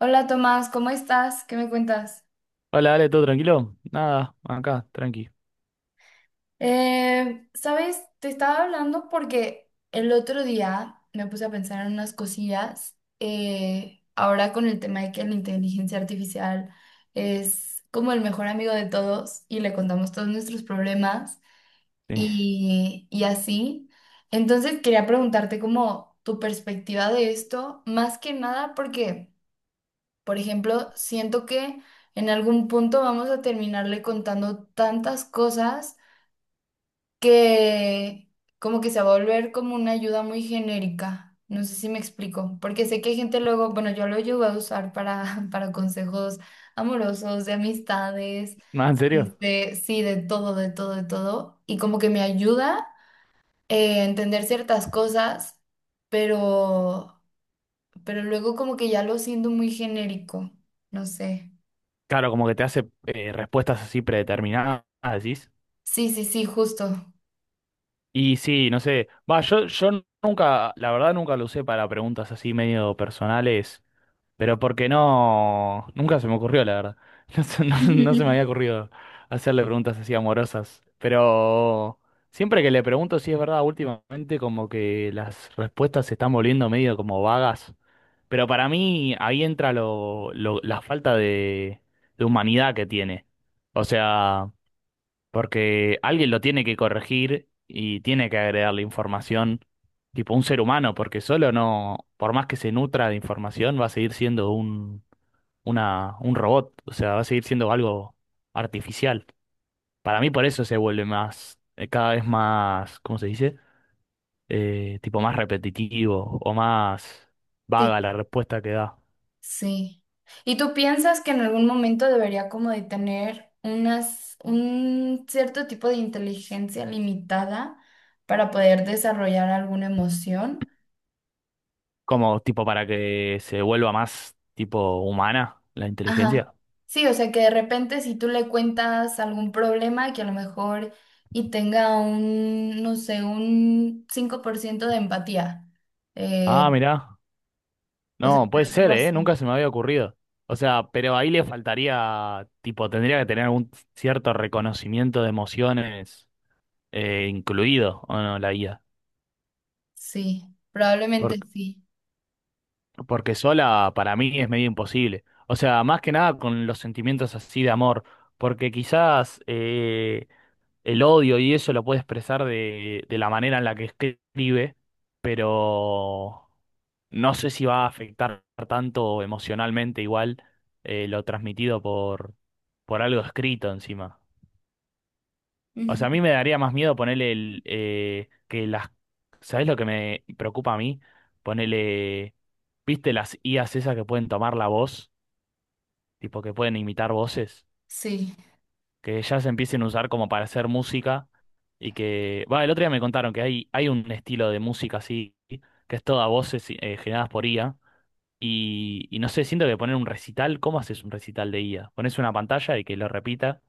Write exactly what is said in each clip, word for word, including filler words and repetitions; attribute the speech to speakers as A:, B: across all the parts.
A: Hola Tomás, ¿cómo estás? ¿Qué me cuentas?
B: Hola, dale, ¿todo tranquilo? Nada, acá, tranqui.
A: Eh, ¿sabes? Te estaba hablando porque el otro día me puse a pensar en unas cosillas. Eh, ahora con el tema de que la inteligencia artificial es como el mejor amigo de todos y le contamos todos nuestros problemas
B: Sí.
A: y, y así. Entonces quería preguntarte como tu perspectiva de esto, más que nada porque... Por ejemplo, siento que en algún punto vamos a terminarle contando tantas cosas que como que se va a volver como una ayuda muy genérica. No sé si me explico, porque sé que hay gente luego, bueno, yo lo llevo a usar para, para consejos amorosos, de amistades,
B: ¿No, en serio?
A: este, sí, de todo, de todo, de todo. Y como que me ayuda eh, a entender ciertas cosas, pero, pero luego como que ya lo siento muy genérico, no sé.
B: Claro, como que te hace eh, respuestas así predeterminadas, decís.
A: Sí, sí, sí, justo.
B: Y sí, no sé. Va, yo, yo nunca, la verdad nunca lo usé para preguntas así medio personales. Pero porque no, nunca se me ocurrió, la verdad. No se, no- no se me había ocurrido hacerle preguntas así amorosas. Pero siempre que le pregunto si es verdad, últimamente como que las respuestas se están volviendo medio como vagas. Pero para mí ahí entra lo, lo- la falta de, de humanidad que tiene. O sea, porque alguien lo tiene que corregir y tiene que agregarle información, tipo un ser humano, porque solo no, por más que se nutra de información, va a seguir siendo un, una, un robot, o sea, va a seguir siendo algo artificial. Para mí por eso se vuelve más, eh, cada vez más, ¿cómo se dice? Eh, tipo más repetitivo o más
A: Sí,
B: vaga la respuesta que da.
A: sí. ¿Y tú piensas que en algún momento debería como de tener unas, un cierto tipo de inteligencia limitada para poder desarrollar alguna emoción?
B: Como tipo para que se vuelva más tipo humana la
A: Ajá.
B: inteligencia.
A: Sí, o sea que de repente si tú le cuentas algún problema que a lo mejor y tenga un, no sé, un cinco por ciento de empatía. eh,
B: Ah, mirá.
A: o sea,
B: No,
A: pero
B: puede
A: algo
B: ser, ¿eh? Nunca
A: así.
B: se me había ocurrido. O sea, pero ahí le faltaría, tipo, tendría que tener algún cierto reconocimiento de emociones eh, incluido, ¿o no, la I A?
A: Sí, probablemente
B: Por-
A: sí.
B: porque sola para mí es medio imposible. O sea, más que nada con los sentimientos así de amor, porque quizás eh, el odio y eso lo puede expresar de, de la manera en la que escribe, pero no sé si va a afectar tanto emocionalmente igual eh, lo transmitido por, por algo escrito encima. O
A: Ujú.
B: sea, a mí me daría más miedo ponerle el, eh, que las... ¿Sabes lo que me preocupa a mí? Ponerle... ¿Viste las I As esas que pueden tomar la voz? Tipo que pueden imitar voces.
A: Sí.
B: Que ya se empiecen a usar como para hacer música y que, va, el otro día me contaron que hay, hay un estilo de música así, que es toda voces eh, generadas por I A y, y no sé, siento que poner un recital, ¿cómo haces un recital de I A? Pones una pantalla y que lo repita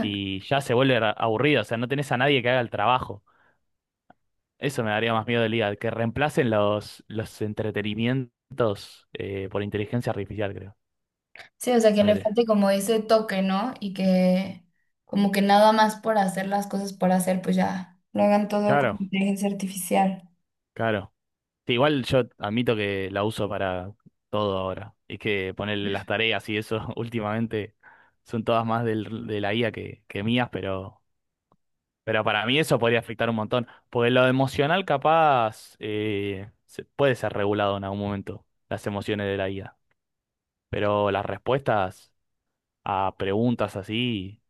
B: y ya se vuelve ra- aburrido, o sea, no tenés a nadie que haga el trabajo. Eso me daría más miedo del I A, que reemplacen los, los entretenimientos eh, por inteligencia artificial, creo.
A: Sí, o sea, que le
B: Ponele.
A: falte como ese toque, ¿no? Y que como que nada más por hacer las cosas por hacer, pues ya lo hagan todo con
B: Claro,
A: inteligencia artificial.
B: claro. Sí, igual yo admito que la uso para todo ahora. Es que ponerle las tareas y eso últimamente son todas más del- de la I A que, que mías, pero, pero para mí eso podría afectar un montón. Porque lo emocional capaz eh, se- puede ser regulado en algún momento, las emociones de la I A. Pero las respuestas a preguntas así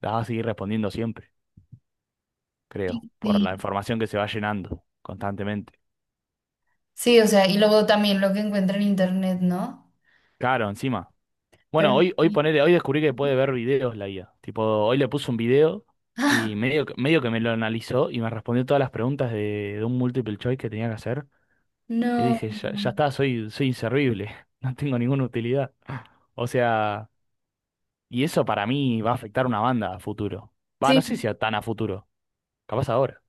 B: las vas a seguir respondiendo siempre, creo, por la
A: Sí,
B: información que se va llenando constantemente.
A: sí, o sea, y luego también lo que encuentra en internet, ¿no?
B: Claro, encima.
A: Pero
B: Bueno, hoy, hoy
A: sí.
B: ponele, hoy descubrí que puede ver videos la I A. Tipo, hoy le puse un video y
A: ¡Ah!
B: medio, que- medio que me lo analizó y me respondió todas las preguntas de, de un multiple choice que tenía que hacer. Y
A: No,
B: dije, ya, ya está, soy, soy inservible, no tengo ninguna utilidad. O sea, y eso para mí va a afectar una banda a futuro. Va, no sé
A: sí,
B: si a tan a futuro, capaz ahora.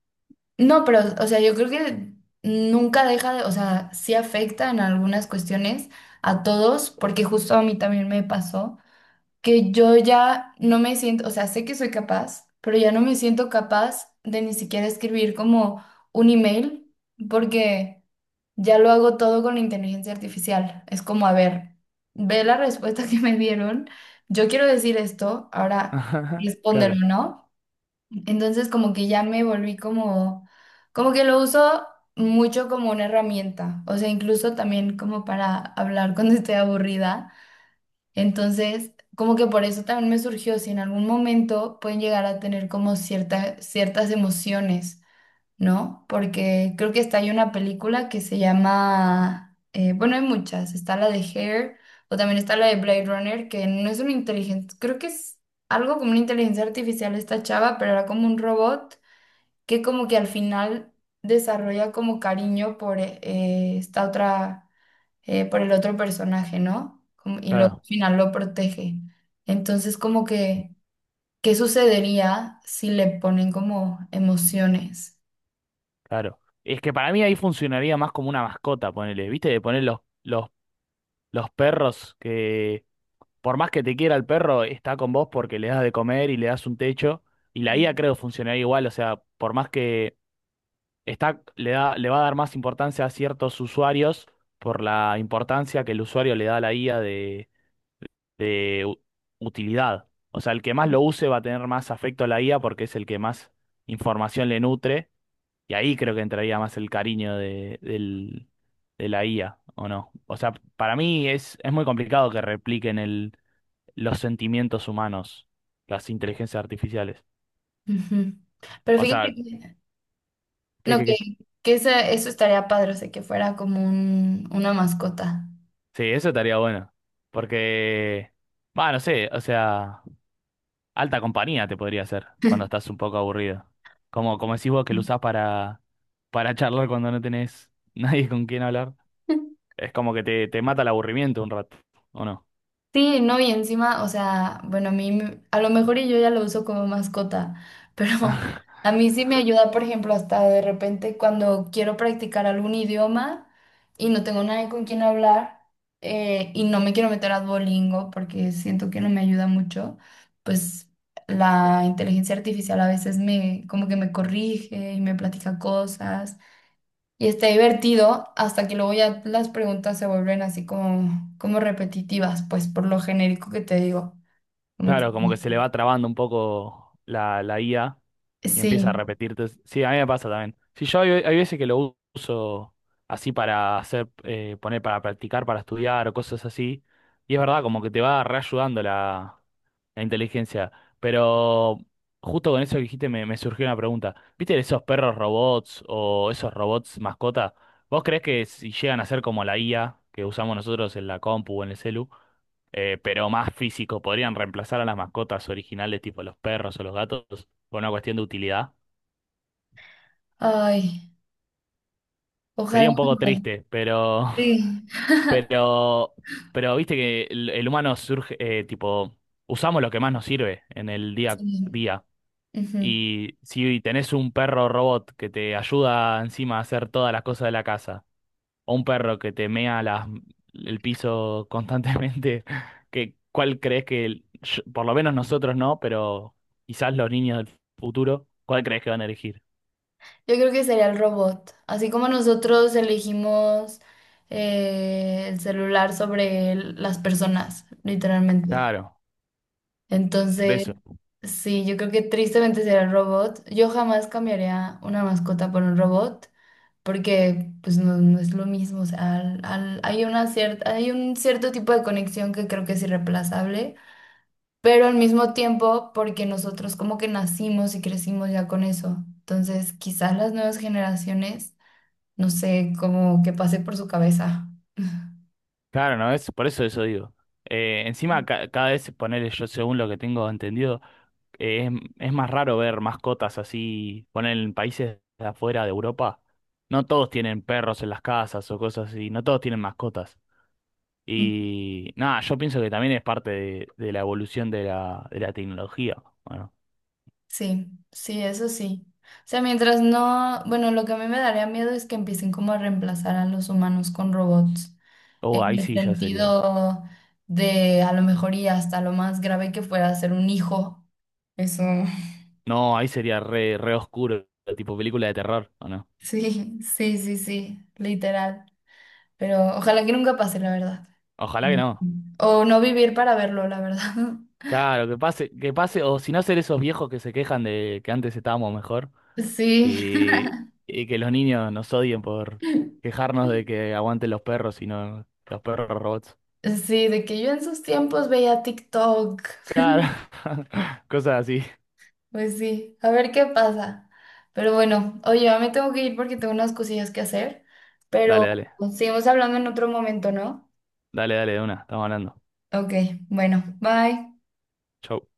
A: no, pero, o sea, yo creo que nunca deja de, o sea, sí afecta en algunas cuestiones a todos, porque justo a mí también me pasó. Que yo ya no me siento, o sea, sé que soy capaz, pero ya no me siento capaz de ni siquiera escribir como un email, porque ya lo hago todo con la inteligencia artificial. Es como, a ver, ve la respuesta que me dieron, yo quiero decir esto, ahora
B: Ajá,
A: respóndelo,
B: claro,
A: ¿no? Entonces como que ya me volví como, como que lo uso mucho como una herramienta, o sea, incluso también como para hablar cuando estoy aburrida. Entonces, como que por eso también me surgió si en algún momento pueden llegar a tener como cierta- ciertas emociones, ¿no? Porque creo que está ahí una película que se llama, eh, bueno, hay muchas, está la de Hair o también está la de Blade Runner, que no es una inteligencia, creo que es algo como una inteligencia artificial esta chava, pero era como un robot que como que al final desarrolla como cariño por eh, esta otra eh, por el otro personaje, ¿no? Como- y luego al
B: claro,
A: final lo protege. Entonces, como que, ¿qué sucedería si le ponen como emociones?
B: claro. Es que para mí ahí funcionaría más como una mascota, ponele, ¿viste? De poner los, los, los perros, por más que te quiera el perro, está con vos porque le das de comer y le das un techo. Y la I A creo funcionaría igual, o sea, por más que está, le da, le va a dar más importancia a ciertos usuarios por la importancia que el usuario le da a la I A de, de u- utilidad. O sea, el que más lo use va a tener más afecto a la I A porque es el que más información le nutre. Y ahí creo que entraría más el cariño de, del- de la I A, ¿o no? O sea, para mí es, es muy complicado que repliquen el los sentimientos humanos, las inteligencias artificiales.
A: Ujú. Pero
B: O
A: fíjate
B: sea,
A: que,
B: ¿qué,
A: no,
B: qué,
A: que,
B: qué?
A: que esa- eso estaría padre, o sea, que fuera como un- una mascota.
B: Sí, eso estaría bueno. Porque, bueno, no sé, o sea, alta compañía te podría hacer cuando estás un poco aburrido. Como, como decís vos que lo usás para, para charlar cuando no tenés nadie con quien hablar. Es como que te, te mata el aburrimiento un rato, ¿o no?
A: Sí, no, y encima, o sea, bueno, a mí, me- a lo mejor y yo ya lo uso como mascota, pero a mí sí me ayuda, por ejemplo, hasta de repente cuando quiero practicar algún idioma y no tengo nadie con quien hablar eh, y no me quiero meter a Duolingo porque siento que no me ayuda mucho, pues la inteligencia artificial a veces me, como que me corrige y me platica cosas y está divertido hasta que luego ya las preguntas se vuelven así como, como repetitivas, pues por lo genérico que te digo. Como que,
B: Claro, como que se le va trabando un poco la, la I A y empieza
A: sí,
B: a repetirte. Sí, a mí me pasa también. Sí, yo hay, hay veces que lo uso así para hacer, eh, poner para practicar, para estudiar o cosas así. Y es verdad, como que te va reayudando la, la inteligencia. Pero justo con eso que dijiste me, me surgió una pregunta. ¿Viste esos perros robots o esos robots mascota? ¿Vos creés que si llegan a ser como la I A que usamos nosotros en la compu o en el celu? Eh, pero más físico. Podrían reemplazar a las mascotas originales, tipo los perros o los gatos, por una cuestión de utilidad.
A: ay,
B: Sería
A: ojalá.
B: un poco triste, pero,
A: Sí,
B: pero, pero viste que el, el humano surge, eh, tipo, usamos lo que más nos sirve en el día a
A: sí.
B: día.
A: Ujú.
B: Y si tenés un perro robot que te ayuda encima a hacer todas las cosas de la casa o un perro que te mea las- el piso constantemente, que, ¿cuál crees que, el- yo- por lo menos nosotros no, pero quizás los niños del futuro, ¿cuál crees que van a elegir?
A: Yo creo que sería el robot. Así como nosotros elegimos eh, el celular sobre el- las personas, literalmente.
B: Claro, por
A: Entonces,
B: eso.
A: sí, yo creo que tristemente sería el robot. Yo jamás cambiaría una mascota por un robot. Porque pues no, no es lo mismo, o sea, al- al- hay una cierta, hay un cierto tipo de conexión que creo que es irreemplazable, pero al mismo tiempo porque nosotros como que nacimos y crecimos ya con eso, entonces quizás las nuevas generaciones, no sé, como que pase por su cabeza.
B: Claro, ¿no es? Por eso eso digo. Eh, encima, ca- cada vez ponerle yo, según lo que tengo entendido, eh, es, es más raro ver mascotas así, poner en países de afuera de Europa. No todos tienen perros en las casas o cosas así, no todos tienen mascotas. Y nada, yo pienso que también es parte de, de la evolución de la, de la tecnología. Bueno,
A: Sí, sí, eso sí. O sea, mientras no, bueno, lo que a mí me daría miedo es que empiecen como a reemplazar a los humanos con robots,
B: oh,
A: en
B: ahí
A: el
B: sí ya sería.
A: sentido de a lo mejor y hasta lo más grave que fuera ser un hijo. Eso,
B: No, ahí sería re, re oscuro, tipo película de terror, ¿o no?
A: sí, sí, sí, sí, literal. Pero ojalá que nunca pase, la verdad.
B: Ojalá
A: Sí.
B: que no.
A: O no vivir para verlo, la verdad.
B: Claro, que pase, que pase, o si no ser esos viejos que se quejan de que antes estábamos mejor
A: Sí,
B: y, y que los niños nos odien por quejarnos de que aguanten los perros y no los perros robots.
A: sí, de que yo en sus tiempos veía TikTok.
B: Claro, cosas así.
A: Pues sí, a ver qué pasa. Pero bueno, oye, ya me tengo que ir porque tengo unas cosillas que hacer,
B: Dale,
A: pero
B: dale,
A: seguimos hablando en otro momento, ¿no?
B: dale, dale, de una, estamos hablando.
A: Ok, bueno, bye.
B: Chau.